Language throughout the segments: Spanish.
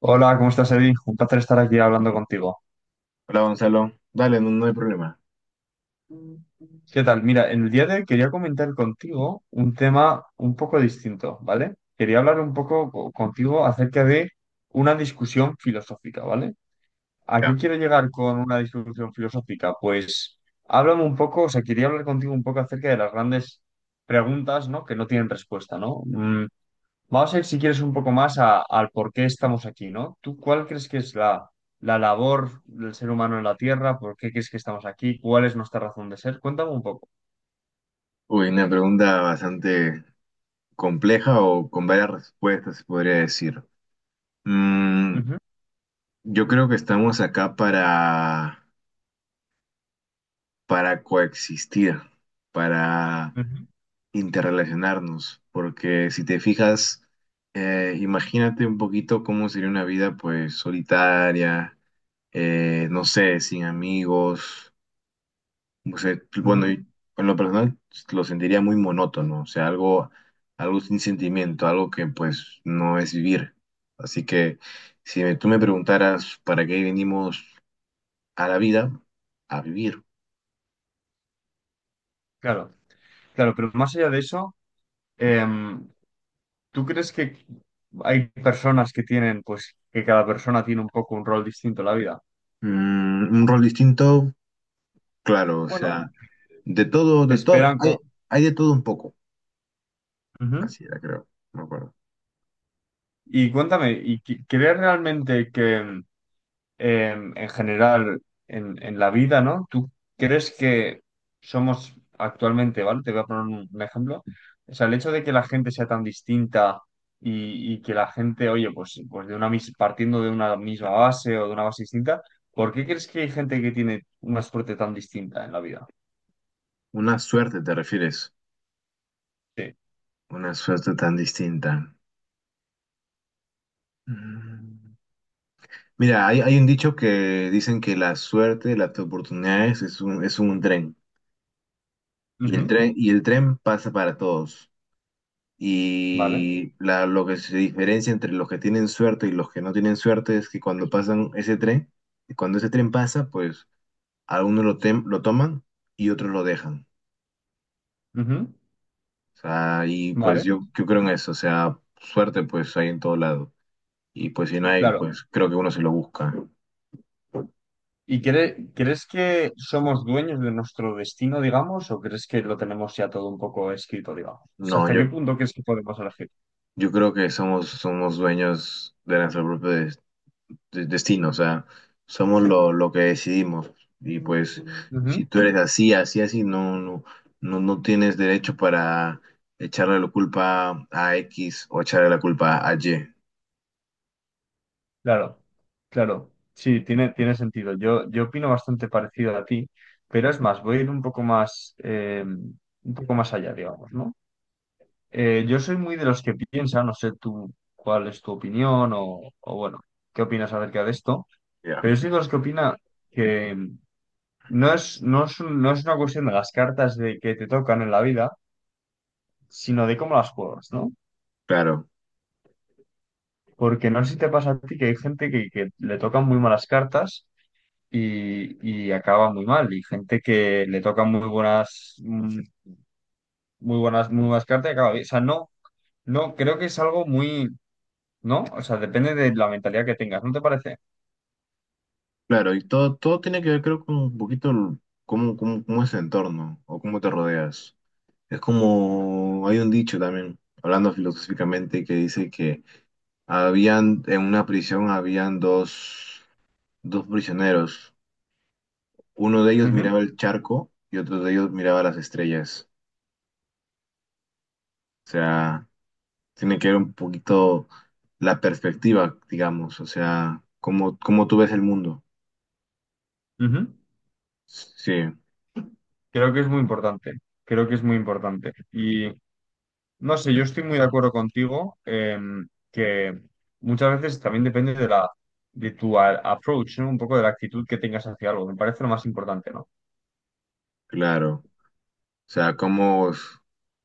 Hola, ¿cómo estás, Eddie? Un placer estar aquí hablando contigo. Hola Gonzalo, dale, no, no hay problema. ¿Qué tal? Mira, en el día de hoy quería comentar contigo un tema un poco distinto, ¿vale? Quería hablar un poco contigo acerca de una discusión filosófica, ¿vale? ¿A qué quiero llegar con una discusión filosófica? Pues háblame un poco, o sea, quería hablar contigo un poco acerca de las grandes preguntas, ¿no? Que no tienen respuesta, ¿no? Vamos a ir, si quieres, un poco más al por qué estamos aquí, ¿no? ¿Tú cuál crees que es la labor del ser humano en la Tierra? ¿Por qué crees que estamos aquí? ¿Cuál es nuestra razón de ser? Cuéntame un poco. Uy, una pregunta bastante compleja o con varias respuestas, se podría decir. Mm, Ujú, yo creo que estamos acá para coexistir, para ujú, interrelacionarnos, porque si te fijas, imagínate un poquito cómo sería una vida pues solitaria, no sé, sin amigos. O sea, bueno, ujú. y en lo personal lo sentiría muy monótono, o sea, algo, algo sin sentimiento, algo que pues no es vivir. Así que si me- tú me preguntaras para qué venimos a la vida, a vivir. Claro, claro, pero más allá de eso, em, ¿tú crees que hay personas que tienen, pues, que cada persona tiene un poco un rol distinto en la vida? Mm, un rol distinto, claro, o Bueno, sea, te de todo, esperan, hay, hay de todo un poco, ujú. así era, creo, no me acuerdo. Y cuéntame, ¿y crees realmente que en general en la vida, ¿no? ¿Tú crees que somos actualmente, vale? Te voy a poner un ejemplo. O sea, el hecho de que la gente sea tan distinta y que la gente, oye, pues de una partiendo de una misma base o de una base distinta, ¿por qué crees que hay gente que tiene una suerte tan distinta en la vida? Una suerte te refieres, Sí. una suerte tan distinta. Mm. Mira, hay un dicho que dicen que la suerte, las oportunidades es un tren. Y el Ujú, tren, y el tren pasa para todos. vale. Y lo que se diferencia entre los que tienen suerte y los que no tienen suerte es que cuando pasan ese tren, cuando ese tren pasa, pues lo toman y otros lo dejan. Ujú, O sea, y pues vale. Yo creo en eso. O sea, suerte pues hay en todo lado. Y pues si no hay, Claro. pues creo que uno se lo busca. ¿Y crees que somos dueños de nuestro destino, digamos, o crees que lo tenemos ya todo un poco escrito, digamos? O sea, No, ¿hasta yo, qué punto crees que podemos elegir? Yo creo que somos dueños de nuestro propio destino, o sea, somos lo que decidimos. Y pues, Ujú, si tú eres así, así, así, no, no, no, no tienes derecho para echarle la culpa a X o echarle la culpa a Y. claro, claro. Sí, tiene sentido. Yo opino bastante parecido a ti, pero es más, voy a ir un poco más allá, digamos, ¿no? Yo soy muy de los que piensan, no sé tú cuál es tu opinión o bueno, qué opinas acerca de esto, Ya. pero yo soy de los que opina. No es una cuestión de las cartas de que te tocan en la vida, sino de cómo las juegas, ¿no? Claro, Porque no sé si te pasa a ti que hay gente que le tocan muy malas cartas y, y acaba muy mal, y gente que le tocan muy buenas, muy buenas, muy buenas cartas y acaba bien. O sea, no, no, creo que es algo muy, ¿no? O sea, depende de la mentalidad que tengas, ¿no te parece? claro, y todo, todo tiene que ver, creo, con un poquito cómo, cómo es el entorno o cómo te rodeas. Es como, hay un dicho también, hablando filosóficamente, que dice que habían, en una prisión habían dos, dos prisioneros. Uno de ellos Ujú, miraba el charco y otro de ellos miraba las estrellas. O sea, tiene que ver un poquito la perspectiva, digamos. O sea, cómo, cómo tú ves el mundo. ujú. Sí, Creo que es muy importante. Creo que es muy importante. No sé, yo estoy muy de acuerdo contigo, que muchas veces también depende de la de tu a- approach, ¿no? Un poco de la actitud que tengas hacia algo. Me parece lo más importante, ¿no? claro. O sea, cómo,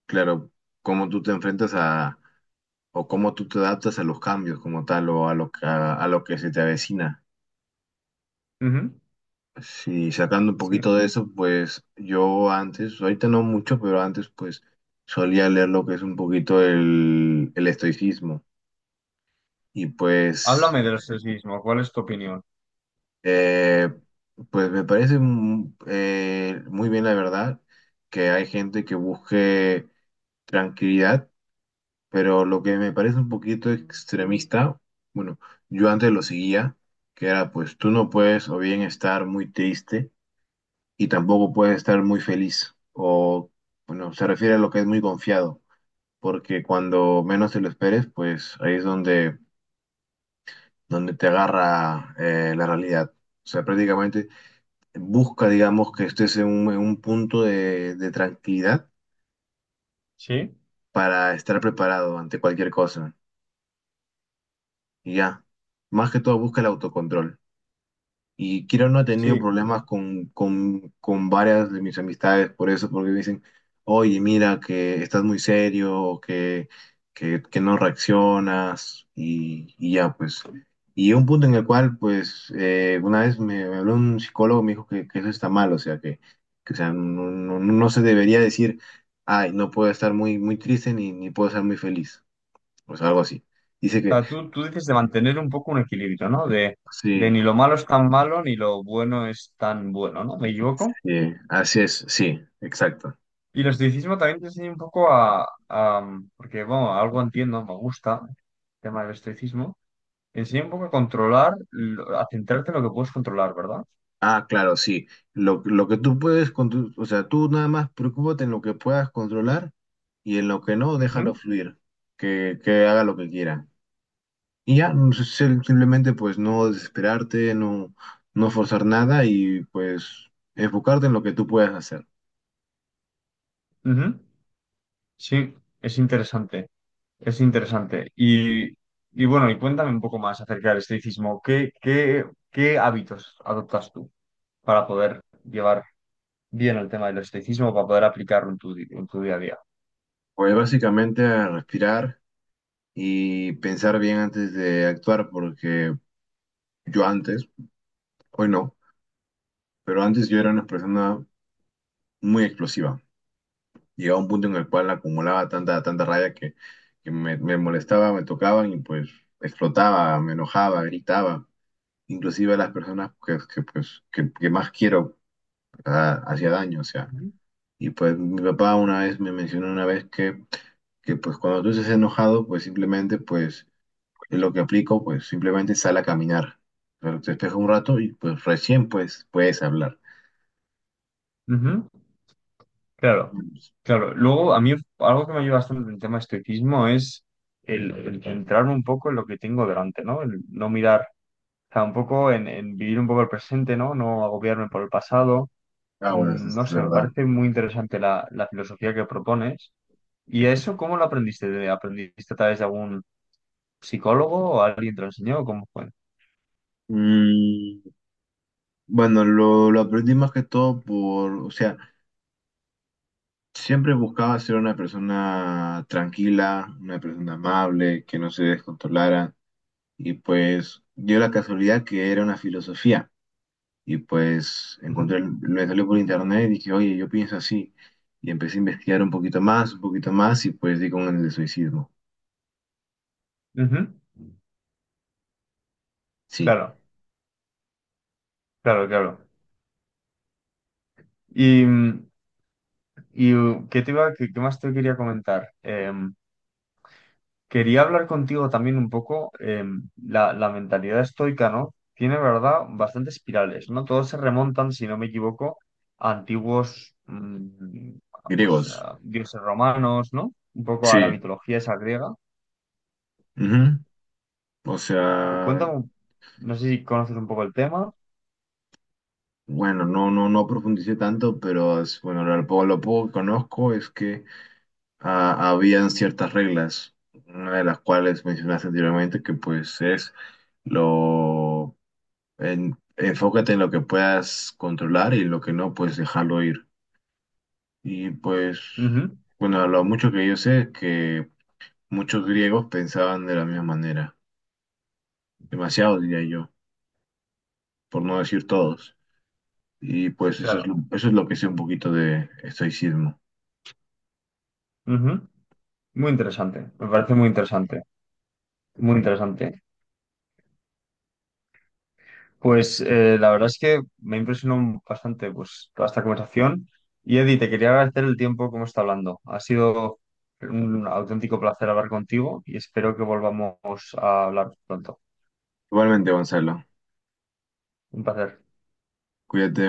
claro, cómo tú te enfrentas a, o cómo tú te adaptas a los cambios como tal, o a lo que se te avecina. Ujú, Sí, sacando un sí. poquito de eso, pues yo antes, ahorita no mucho, pero antes pues solía leer lo que es un poquito el estoicismo y pues, Háblame del sexismo. ¿Cuál es tu opinión? eh, pues me parece muy bien la verdad que hay gente que busque tranquilidad, pero lo que me parece un poquito extremista, bueno, yo antes lo seguía, que era pues tú no puedes o bien estar muy triste y tampoco puedes estar muy feliz. O, bueno, se refiere a lo que es muy confiado, porque cuando menos te lo esperes, pues ahí es donde, donde te agarra la realidad. O sea, prácticamente busca, digamos, que estés en un punto de tranquilidad Sí. para estar preparado ante cualquier cosa. Y ya, más que todo busca el autocontrol. Y Kira no ha tenido Sí. problemas con varias de mis amistades por eso, porque me dicen, oye, mira, que estás muy serio, o que no reaccionas, y ya, pues. Y un punto en el cual, pues, una vez me habló un psicólogo, me dijo que eso está mal, o sea, que, o sea, no, no se debería decir, ay, no puedo estar muy, muy triste ni, ni puedo estar muy feliz, o sea, algo así. Dice O que, sea, tú dices de mantener un poco un equilibrio, ¿no? De sí, ni lo malo es tan malo ni lo bueno es tan bueno, ¿no? ¿Me equivoco? sí, así es, sí, exacto. Y el estoicismo también te enseña un poco porque, bueno, algo entiendo, me gusta el tema del estoicismo. Te enseña un poco a controlar, a centrarte en lo que puedes controlar, ¿verdad? Ah, claro, sí. Lo que tú puedes, o sea, tú nada más preocúpate en lo que puedas controlar y en lo que no, déjalo Ujú, fluir, que haga lo que quiera. Y ya, no sé, simplemente pues no desesperarte, no, no forzar nada y pues enfocarte en lo que tú puedas hacer. ujú. Sí, es interesante, es interesante. Y bueno, y cuéntame un poco más acerca del estoicismo. ¿Qué hábitos adoptas tú para poder llevar bien el tema del estoicismo, para poder aplicarlo en tu día a día? Pues básicamente a respirar y pensar bien antes de actuar, porque yo antes, hoy no, pero antes yo era una persona muy explosiva. Llegaba un punto en el cual acumulaba tanta, tanta rabia que me molestaba, me tocaban y pues explotaba, me enojaba, gritaba. Inclusive a las personas que, pues, que más quiero, ah, hacía daño, o sea. Ujú. Y pues mi papá una vez me mencionó una vez que pues cuando tú estés enojado, pues simplemente pues lo que aplico, pues simplemente sal a caminar. Pero te despejas un rato y pues recién pues puedes hablar. Ujú, claro, claro. Luego, a mí algo que me ayuda bastante en el tema de estoicismo es el centrarme un poco en lo que tengo delante, ¿no? El no mirar. O sea, un poco en vivir un poco el presente, ¿no? No agobiarme por el pasado. Ah, bueno, eso No es sé, me verdad. parece muy interesante la filosofía que propones. ¿Y eso cómo lo aprendiste? ¿Aprendiste a través de algún psicólogo o alguien te lo enseñó? ¿Cómo fue? Mm, bueno, lo aprendí más que todo por, o sea, siempre buscaba ser una persona tranquila, una persona amable, que no se descontrolara. Y pues dio la casualidad que era una filosofía. Y pues Ujú, encontré, me salió por internet y dije, oye, yo pienso así. Y empecé a investigar un poquito más, y pues di con el de. ujú. Sí, Claro, claro, claro. ¿Y, mm, y qué te iba, qué más te quería comentar? Quería hablar contigo también un poco, la mentalidad estoica, ¿no? Tiene, ¿verdad?, bastantes espirales, ¿no? Todos se remontan, si no me equivoco, a antiguos, pues, griegos. a dioses romanos, ¿no? Un poco a la Sí. mitología esa griega. Ujú. O sea, Cuéntame, no sé si conoces un poco el tema. bueno, no, no, no profundicé tanto, bueno, lo poco que conozco es que ah, habían ciertas reglas, una de las cuales mencionaste anteriormente, que pues es lo enfócate en lo que puedas controlar y lo que no, pues dejarlo ir. Y pues, Ujú, bueno, lo mucho que yo sé es que muchos griegos pensaban de la misma manera, demasiado diría yo, por no decir todos. Y pues claro. eso es lo que sé un poquito de estoicismo. Ujú. Muy interesante, me parece muy interesante, muy interesante. Pues la verdad es que me impresionó bastante pues, toda esta conversación. Y Eddie, te quería agradecer el tiempo que hemos estado hablando. Ha sido un auténtico placer hablar contigo y espero que volvamos a hablar pronto. Igualmente, Gonzalo, Un placer. cuídate.